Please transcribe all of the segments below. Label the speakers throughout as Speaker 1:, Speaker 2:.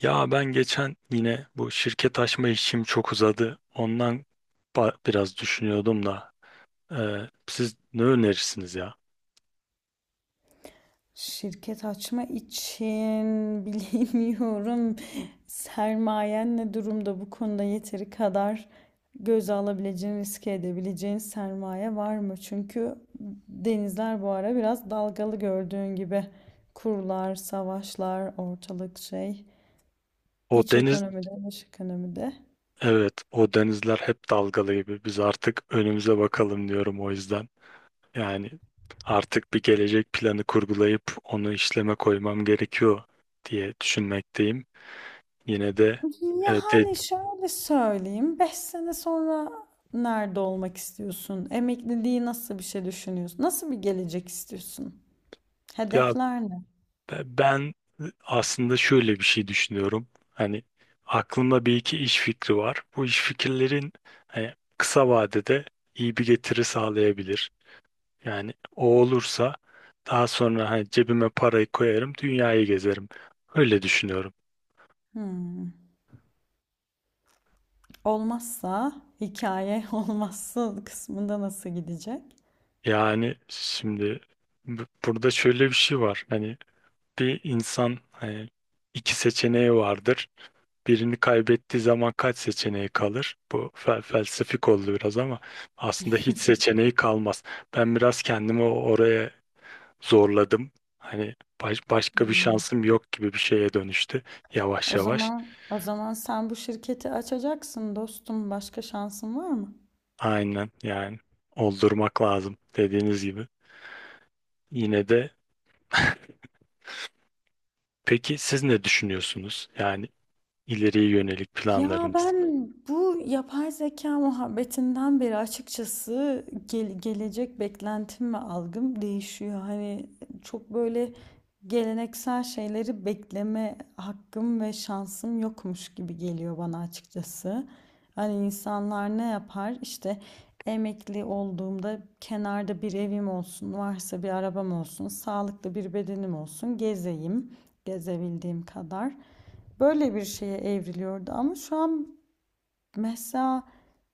Speaker 1: Ya ben geçen yine bu şirket açma işim çok uzadı. Ondan biraz düşünüyordum da. Siz ne önerirsiniz ya?
Speaker 2: Şirket açma için bilemiyorum. Sermayen ne durumda, bu konuda yeteri kadar göze alabileceğin, riske edebileceğin sermaye var mı? Çünkü denizler bu ara biraz dalgalı gördüğün gibi. Kurlar, savaşlar, ortalık şey.
Speaker 1: O
Speaker 2: İç
Speaker 1: deniz,
Speaker 2: ekonomide, dış ekonomide.
Speaker 1: evet o denizler hep dalgalı gibi. Biz artık önümüze bakalım diyorum o yüzden. Yani artık bir gelecek planı kurgulayıp onu işleme koymam gerekiyor diye düşünmekteyim. Yine de evet de-
Speaker 2: Yani şöyle söyleyeyim. Beş sene sonra nerede olmak istiyorsun? Emekliliği nasıl bir şey düşünüyorsun? Nasıl bir gelecek istiyorsun?
Speaker 1: ya
Speaker 2: Hedefler ne?
Speaker 1: Ben aslında şöyle bir şey düşünüyorum. Hani aklımda bir iki iş fikri var. Bu iş fikirlerin hani kısa vadede iyi bir getiri sağlayabilir. Yani o olursa daha sonra hani cebime parayı koyarım, dünyayı gezerim. Öyle düşünüyorum.
Speaker 2: Hmm. Olmazsa hikaye, olmazsa kısmında nasıl gidecek?
Speaker 1: Yani şimdi burada şöyle bir şey var. Hani bir insan hani iki seçeneği vardır. Birini kaybettiği zaman kaç seçeneği kalır? Bu felsefik oldu biraz ama aslında hiç seçeneği kalmaz. Ben biraz kendimi oraya zorladım. Hani başka bir
Speaker 2: Hmm.
Speaker 1: şansım yok gibi bir şeye dönüştü yavaş
Speaker 2: O
Speaker 1: yavaş.
Speaker 2: zaman o zaman sen bu şirketi açacaksın dostum. Başka şansın var mı?
Speaker 1: Aynen yani oldurmak lazım dediğiniz gibi. Yine de Peki siz ne düşünüyorsunuz? Yani ileriye yönelik
Speaker 2: Ya
Speaker 1: planlarınız.
Speaker 2: ben bu yapay zeka muhabbetinden beri açıkçası gelecek beklentim ve algım değişiyor. Hani çok böyle geleneksel şeyleri bekleme hakkım ve şansım yokmuş gibi geliyor bana açıkçası. Hani insanlar ne yapar? İşte emekli olduğumda kenarda bir evim olsun, varsa bir arabam olsun, sağlıklı bir bedenim olsun, gezeyim, gezebildiğim kadar, böyle bir şeye evriliyordu. Ama şu an mesela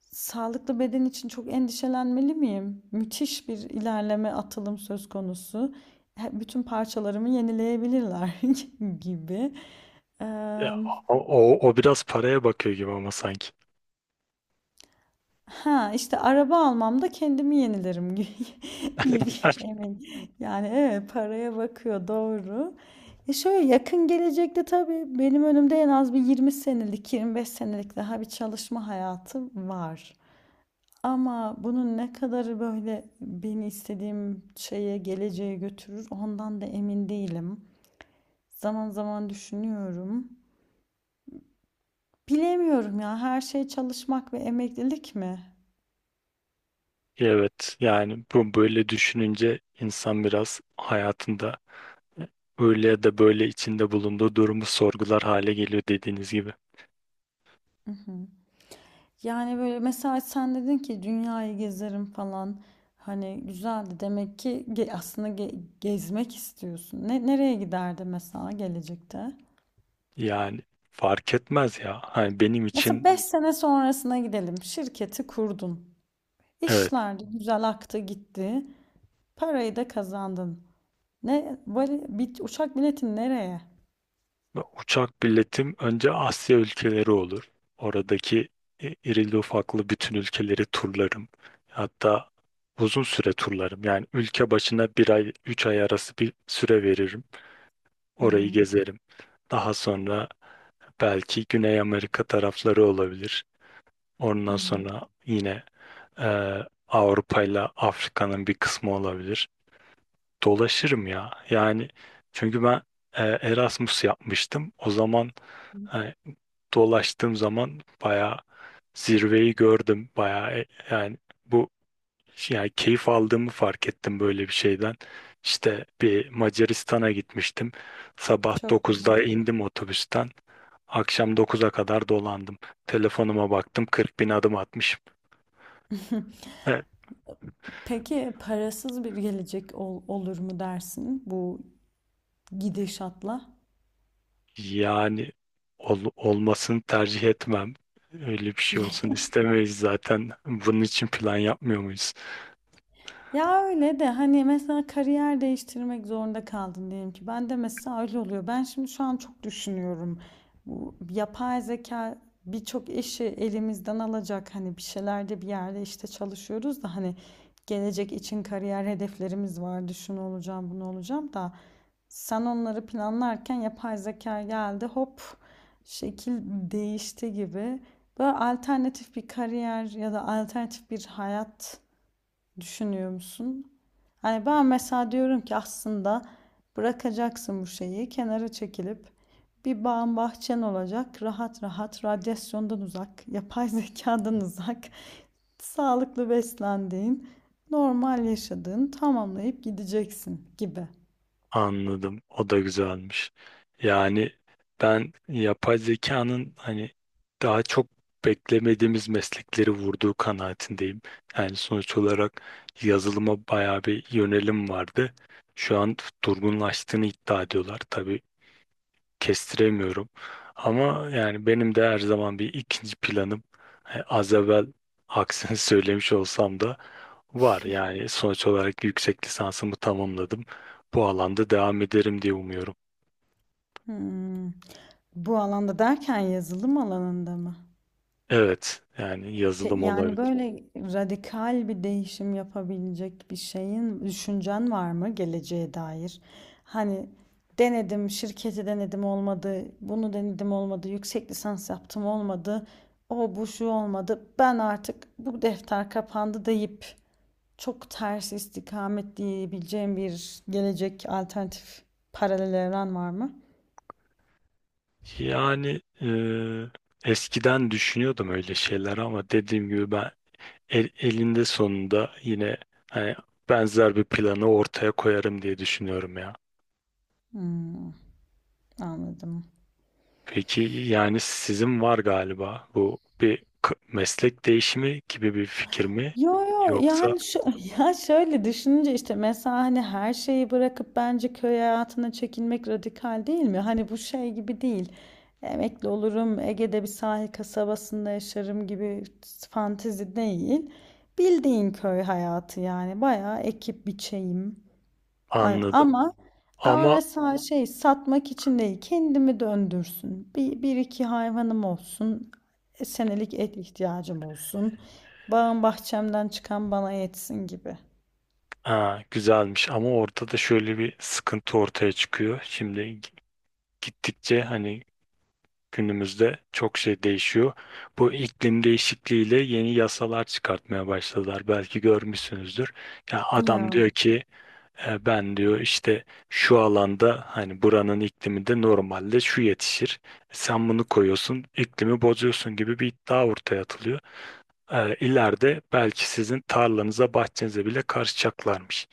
Speaker 2: sağlıklı beden için çok endişelenmeli miyim? Müthiş bir ilerleme, atılım söz konusu. Bütün parçalarımı yenileyebilirler gibi.
Speaker 1: Ya,
Speaker 2: Eee,
Speaker 1: o biraz paraya bakıyor gibi ama sanki.
Speaker 2: ha işte araba almamda kendimi yenilerim gibi emin. Yani evet, paraya bakıyor doğru. E şöyle yakın gelecekte tabii benim önümde en az bir 20 senelik, 25 senelik daha bir çalışma hayatı var. Ama bunun ne kadarı böyle beni istediğim şeye, geleceğe götürür ondan da emin değilim. Zaman zaman düşünüyorum. Bilemiyorum ya, her şey çalışmak ve emeklilik mi?
Speaker 1: Evet yani bu böyle düşününce insan biraz hayatında e, öyle ya da böyle içinde bulunduğu durumu sorgular hale geliyor dediğiniz gibi.
Speaker 2: Hı hı. Yani böyle mesela sen dedin ki dünyayı gezerim falan. Hani güzeldi demek ki, aslında gezmek istiyorsun. Ne, nereye giderdi mesela gelecekte?
Speaker 1: Yani fark etmez ya. Hani benim
Speaker 2: Mesela
Speaker 1: için
Speaker 2: 5 sene sonrasına gidelim. Şirketi kurdun.
Speaker 1: evet,
Speaker 2: İşler de güzel aktı gitti. Parayı da kazandın. Ne vali, bir uçak biletin nereye?
Speaker 1: uçak biletim önce Asya ülkeleri olur. Oradaki irili ufaklı bütün ülkeleri turlarım. Hatta uzun süre turlarım. Yani ülke başına bir ay, üç ay arası bir süre veririm.
Speaker 2: Hı
Speaker 1: Orayı
Speaker 2: hı.
Speaker 1: gezerim. Daha sonra belki Güney Amerika tarafları olabilir.
Speaker 2: Hı
Speaker 1: Ondan
Speaker 2: hı.
Speaker 1: sonra yine e, Avrupa ile Afrika'nın bir kısmı olabilir. Dolaşırım ya. Yani çünkü ben Erasmus yapmıştım. O zaman e, dolaştığım zaman bayağı zirveyi gördüm. Bayağı yani bu yani keyif aldığımı fark ettim böyle bir şeyden. İşte bir Macaristan'a gitmiştim. Sabah
Speaker 2: Çok
Speaker 1: dokuzda
Speaker 2: güzel.
Speaker 1: indim otobüsten. Akşam dokuza kadar dolandım. Telefonuma baktım 40 bin adım atmışım. E,
Speaker 2: Peki parasız bir gelecek olur mu dersin bu gidişatla?
Speaker 1: Yani olmasını tercih etmem. Öyle bir şey olsun istemeyiz zaten. Bunun için plan yapmıyor muyuz?
Speaker 2: Ya öyle de hani mesela kariyer değiştirmek zorunda kaldın diyelim ki. Ben de mesela öyle oluyor. Ben şimdi şu an çok düşünüyorum. Bu yapay zeka birçok işi elimizden alacak. Hani bir şeylerde, bir yerde işte çalışıyoruz da hani gelecek için kariyer hedeflerimiz vardı. Şunu olacağım, bunu olacağım da sen onları planlarken yapay zeka geldi. Hop, şekil değişti gibi. Böyle alternatif bir kariyer ya da alternatif bir hayat düşünüyor musun? Hani ben mesela diyorum ki aslında bırakacaksın bu şeyi, kenara çekilip bir bağın bahçen olacak, rahat rahat radyasyondan uzak, yapay zekadan uzak, sağlıklı beslendiğin, normal yaşadığın, tamamlayıp gideceksin gibi.
Speaker 1: Anladım. O da güzelmiş. Yani ben yapay zekanın hani daha çok beklemediğimiz meslekleri vurduğu kanaatindeyim. Yani sonuç olarak yazılıma bayağı bir yönelim vardı. Şu an durgunlaştığını iddia ediyorlar. Tabii kestiremiyorum. Ama yani benim de her zaman bir ikinci planım. Az evvel aksini söylemiş olsam da var, yani sonuç olarak yüksek lisansımı tamamladım. Bu alanda devam ederim diye umuyorum.
Speaker 2: Hmm. Bu alanda derken yazılım alanında mı?
Speaker 1: Evet yani yazılım
Speaker 2: Yani
Speaker 1: olabilir.
Speaker 2: böyle radikal bir değişim yapabilecek bir şeyin, düşüncen var mı geleceğe dair? Hani denedim, şirketi denedim olmadı, bunu denedim olmadı, yüksek lisans yaptım olmadı, o bu şu olmadı, ben artık bu defter kapandı deyip çok ters istikamet diyebileceğim bir gelecek, alternatif paralel evren var mı?
Speaker 1: Yani eskiden düşünüyordum öyle şeyler ama dediğim gibi ben elinde sonunda yine hani benzer bir planı ortaya koyarım diye düşünüyorum ya.
Speaker 2: Hmm, anladım.
Speaker 1: Peki yani sizin var galiba bu bir meslek değişimi gibi bir fikir mi
Speaker 2: Yo yo,
Speaker 1: yoksa
Speaker 2: yani şu, ya şöyle düşününce işte mesela hani her şeyi bırakıp bence köy hayatına çekilmek radikal değil mi? Hani bu şey gibi değil. Emekli olurum, Ege'de bir sahil kasabasında yaşarım gibi fantezi değil. Bildiğin köy hayatı yani, bayağı ekip biçeyim.
Speaker 1: anladım.
Speaker 2: Ama, ama
Speaker 1: Ama
Speaker 2: mesela şey, satmak için değil, kendimi döndürsün. Bir, bir iki hayvanım olsun. Senelik et ihtiyacım olsun. Bağım bahçemden çıkan bana yetsin gibi.
Speaker 1: ha, güzelmiş ama orada da şöyle bir sıkıntı ortaya çıkıyor. Şimdi gittikçe hani günümüzde çok şey değişiyor. Bu iklim değişikliğiyle yeni yasalar çıkartmaya başladılar. Belki görmüşsünüzdür. Ya adam
Speaker 2: Ya.
Speaker 1: diyor ki ben diyor işte şu alanda hani buranın ikliminde normalde şu yetişir. E, sen bunu koyuyorsun, iklimi bozuyorsun gibi bir iddia ortaya atılıyor, ileride belki sizin tarlanıza, bahçenize bile karışacaklarmış.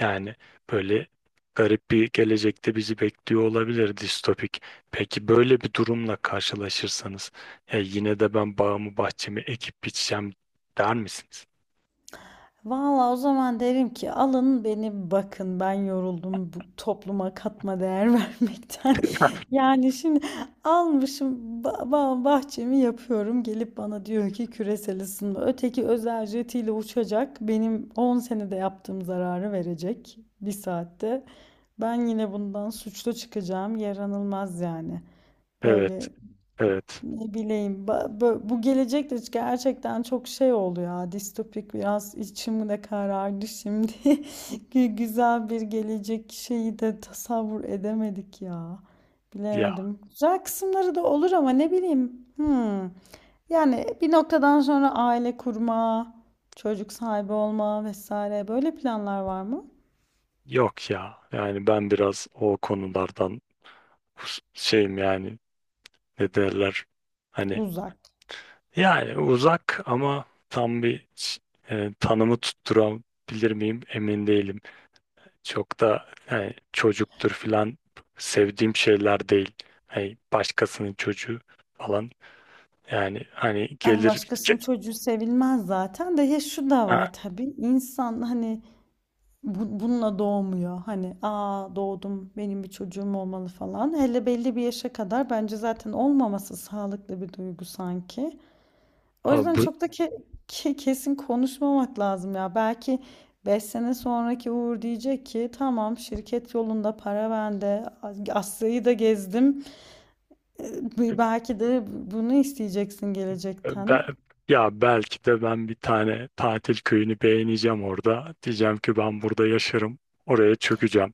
Speaker 1: Yani böyle garip bir gelecekte bizi bekliyor olabilir distopik. Peki böyle bir durumla karşılaşırsanız ya yine de ben bağımı bahçemi ekip biçeceğim der misiniz?
Speaker 2: Valla o zaman derim ki alın beni bakın, ben yoruldum bu topluma katma değer vermekten. Yani şimdi almışım bahçemi yapıyorum, gelip bana diyor ki küresel ısınma. Öteki özel jetiyle uçacak, benim 10 senede yaptığım zararı verecek bir saatte. Ben yine bundan suçlu çıkacağım, yaranılmaz yani.
Speaker 1: Evet,
Speaker 2: Böyle
Speaker 1: evet.
Speaker 2: ne bileyim, bu gelecekte gerçekten çok şey oldu ya, distopik, biraz içim de karardı şimdi. Güzel bir gelecek şeyi de tasavvur edemedik ya.
Speaker 1: Ya
Speaker 2: Bilemedim. Güzel kısımları da olur ama ne bileyim. Hmm. Yani bir noktadan sonra aile kurma, çocuk sahibi olma vesaire, böyle planlar var mı?
Speaker 1: yok ya. Yani ben biraz o konulardan şeyim yani, ne derler? Hani
Speaker 2: Uzak.
Speaker 1: yani uzak ama tam bir tanımı tutturabilir miyim emin değilim. Çok da yani çocuktur filan sevdiğim şeyler değil. Hani başkasının çocuğu falan. Yani hani
Speaker 2: Ama
Speaker 1: gelir.
Speaker 2: başkasının çocuğu sevilmez zaten, de ya şu da var tabii. İnsan hani bununla doğmuyor. Hani aa doğdum, benim bir çocuğum olmalı falan. Hele belli bir yaşa kadar bence zaten olmaması sağlıklı bir duygu sanki. O
Speaker 1: Ha,
Speaker 2: yüzden
Speaker 1: bu,
Speaker 2: çok da kesin konuşmamak lazım ya. Belki 5 sene sonraki Uğur diyecek ki tamam, şirket yolunda, para bende, Asya'yı da gezdim. E, belki de bunu isteyeceksin
Speaker 1: Ben,
Speaker 2: gelecekten.
Speaker 1: ya belki de ben bir tane tatil köyünü beğeneceğim orada. Diyeceğim ki ben burada yaşarım. Oraya çökeceğim.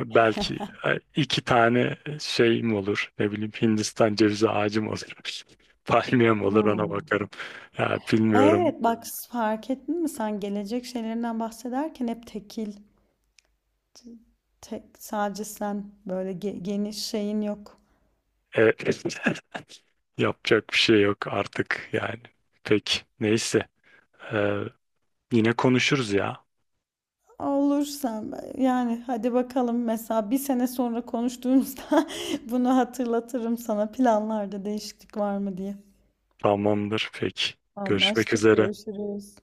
Speaker 1: Belki iki tane şeyim olur. Ne bileyim, Hindistan cevizi ağacım olur. Palmiyem olur, ona
Speaker 2: Hmm.
Speaker 1: bakarım. Ya bilmiyorum.
Speaker 2: Evet bak, fark ettin mi, sen gelecek şeylerinden bahsederken hep tekil, tek, sadece sen, böyle geniş şeyin yok.
Speaker 1: E, yapacak bir şey yok artık yani. Peki neyse. E, yine konuşuruz ya.
Speaker 2: Olursan yani, hadi bakalım mesela bir sene sonra konuştuğumuzda bunu hatırlatırım sana, planlarda değişiklik var mı diye.
Speaker 1: Tamamdır peki. Görüşmek
Speaker 2: Anlaştık,
Speaker 1: üzere.
Speaker 2: görüşürüz.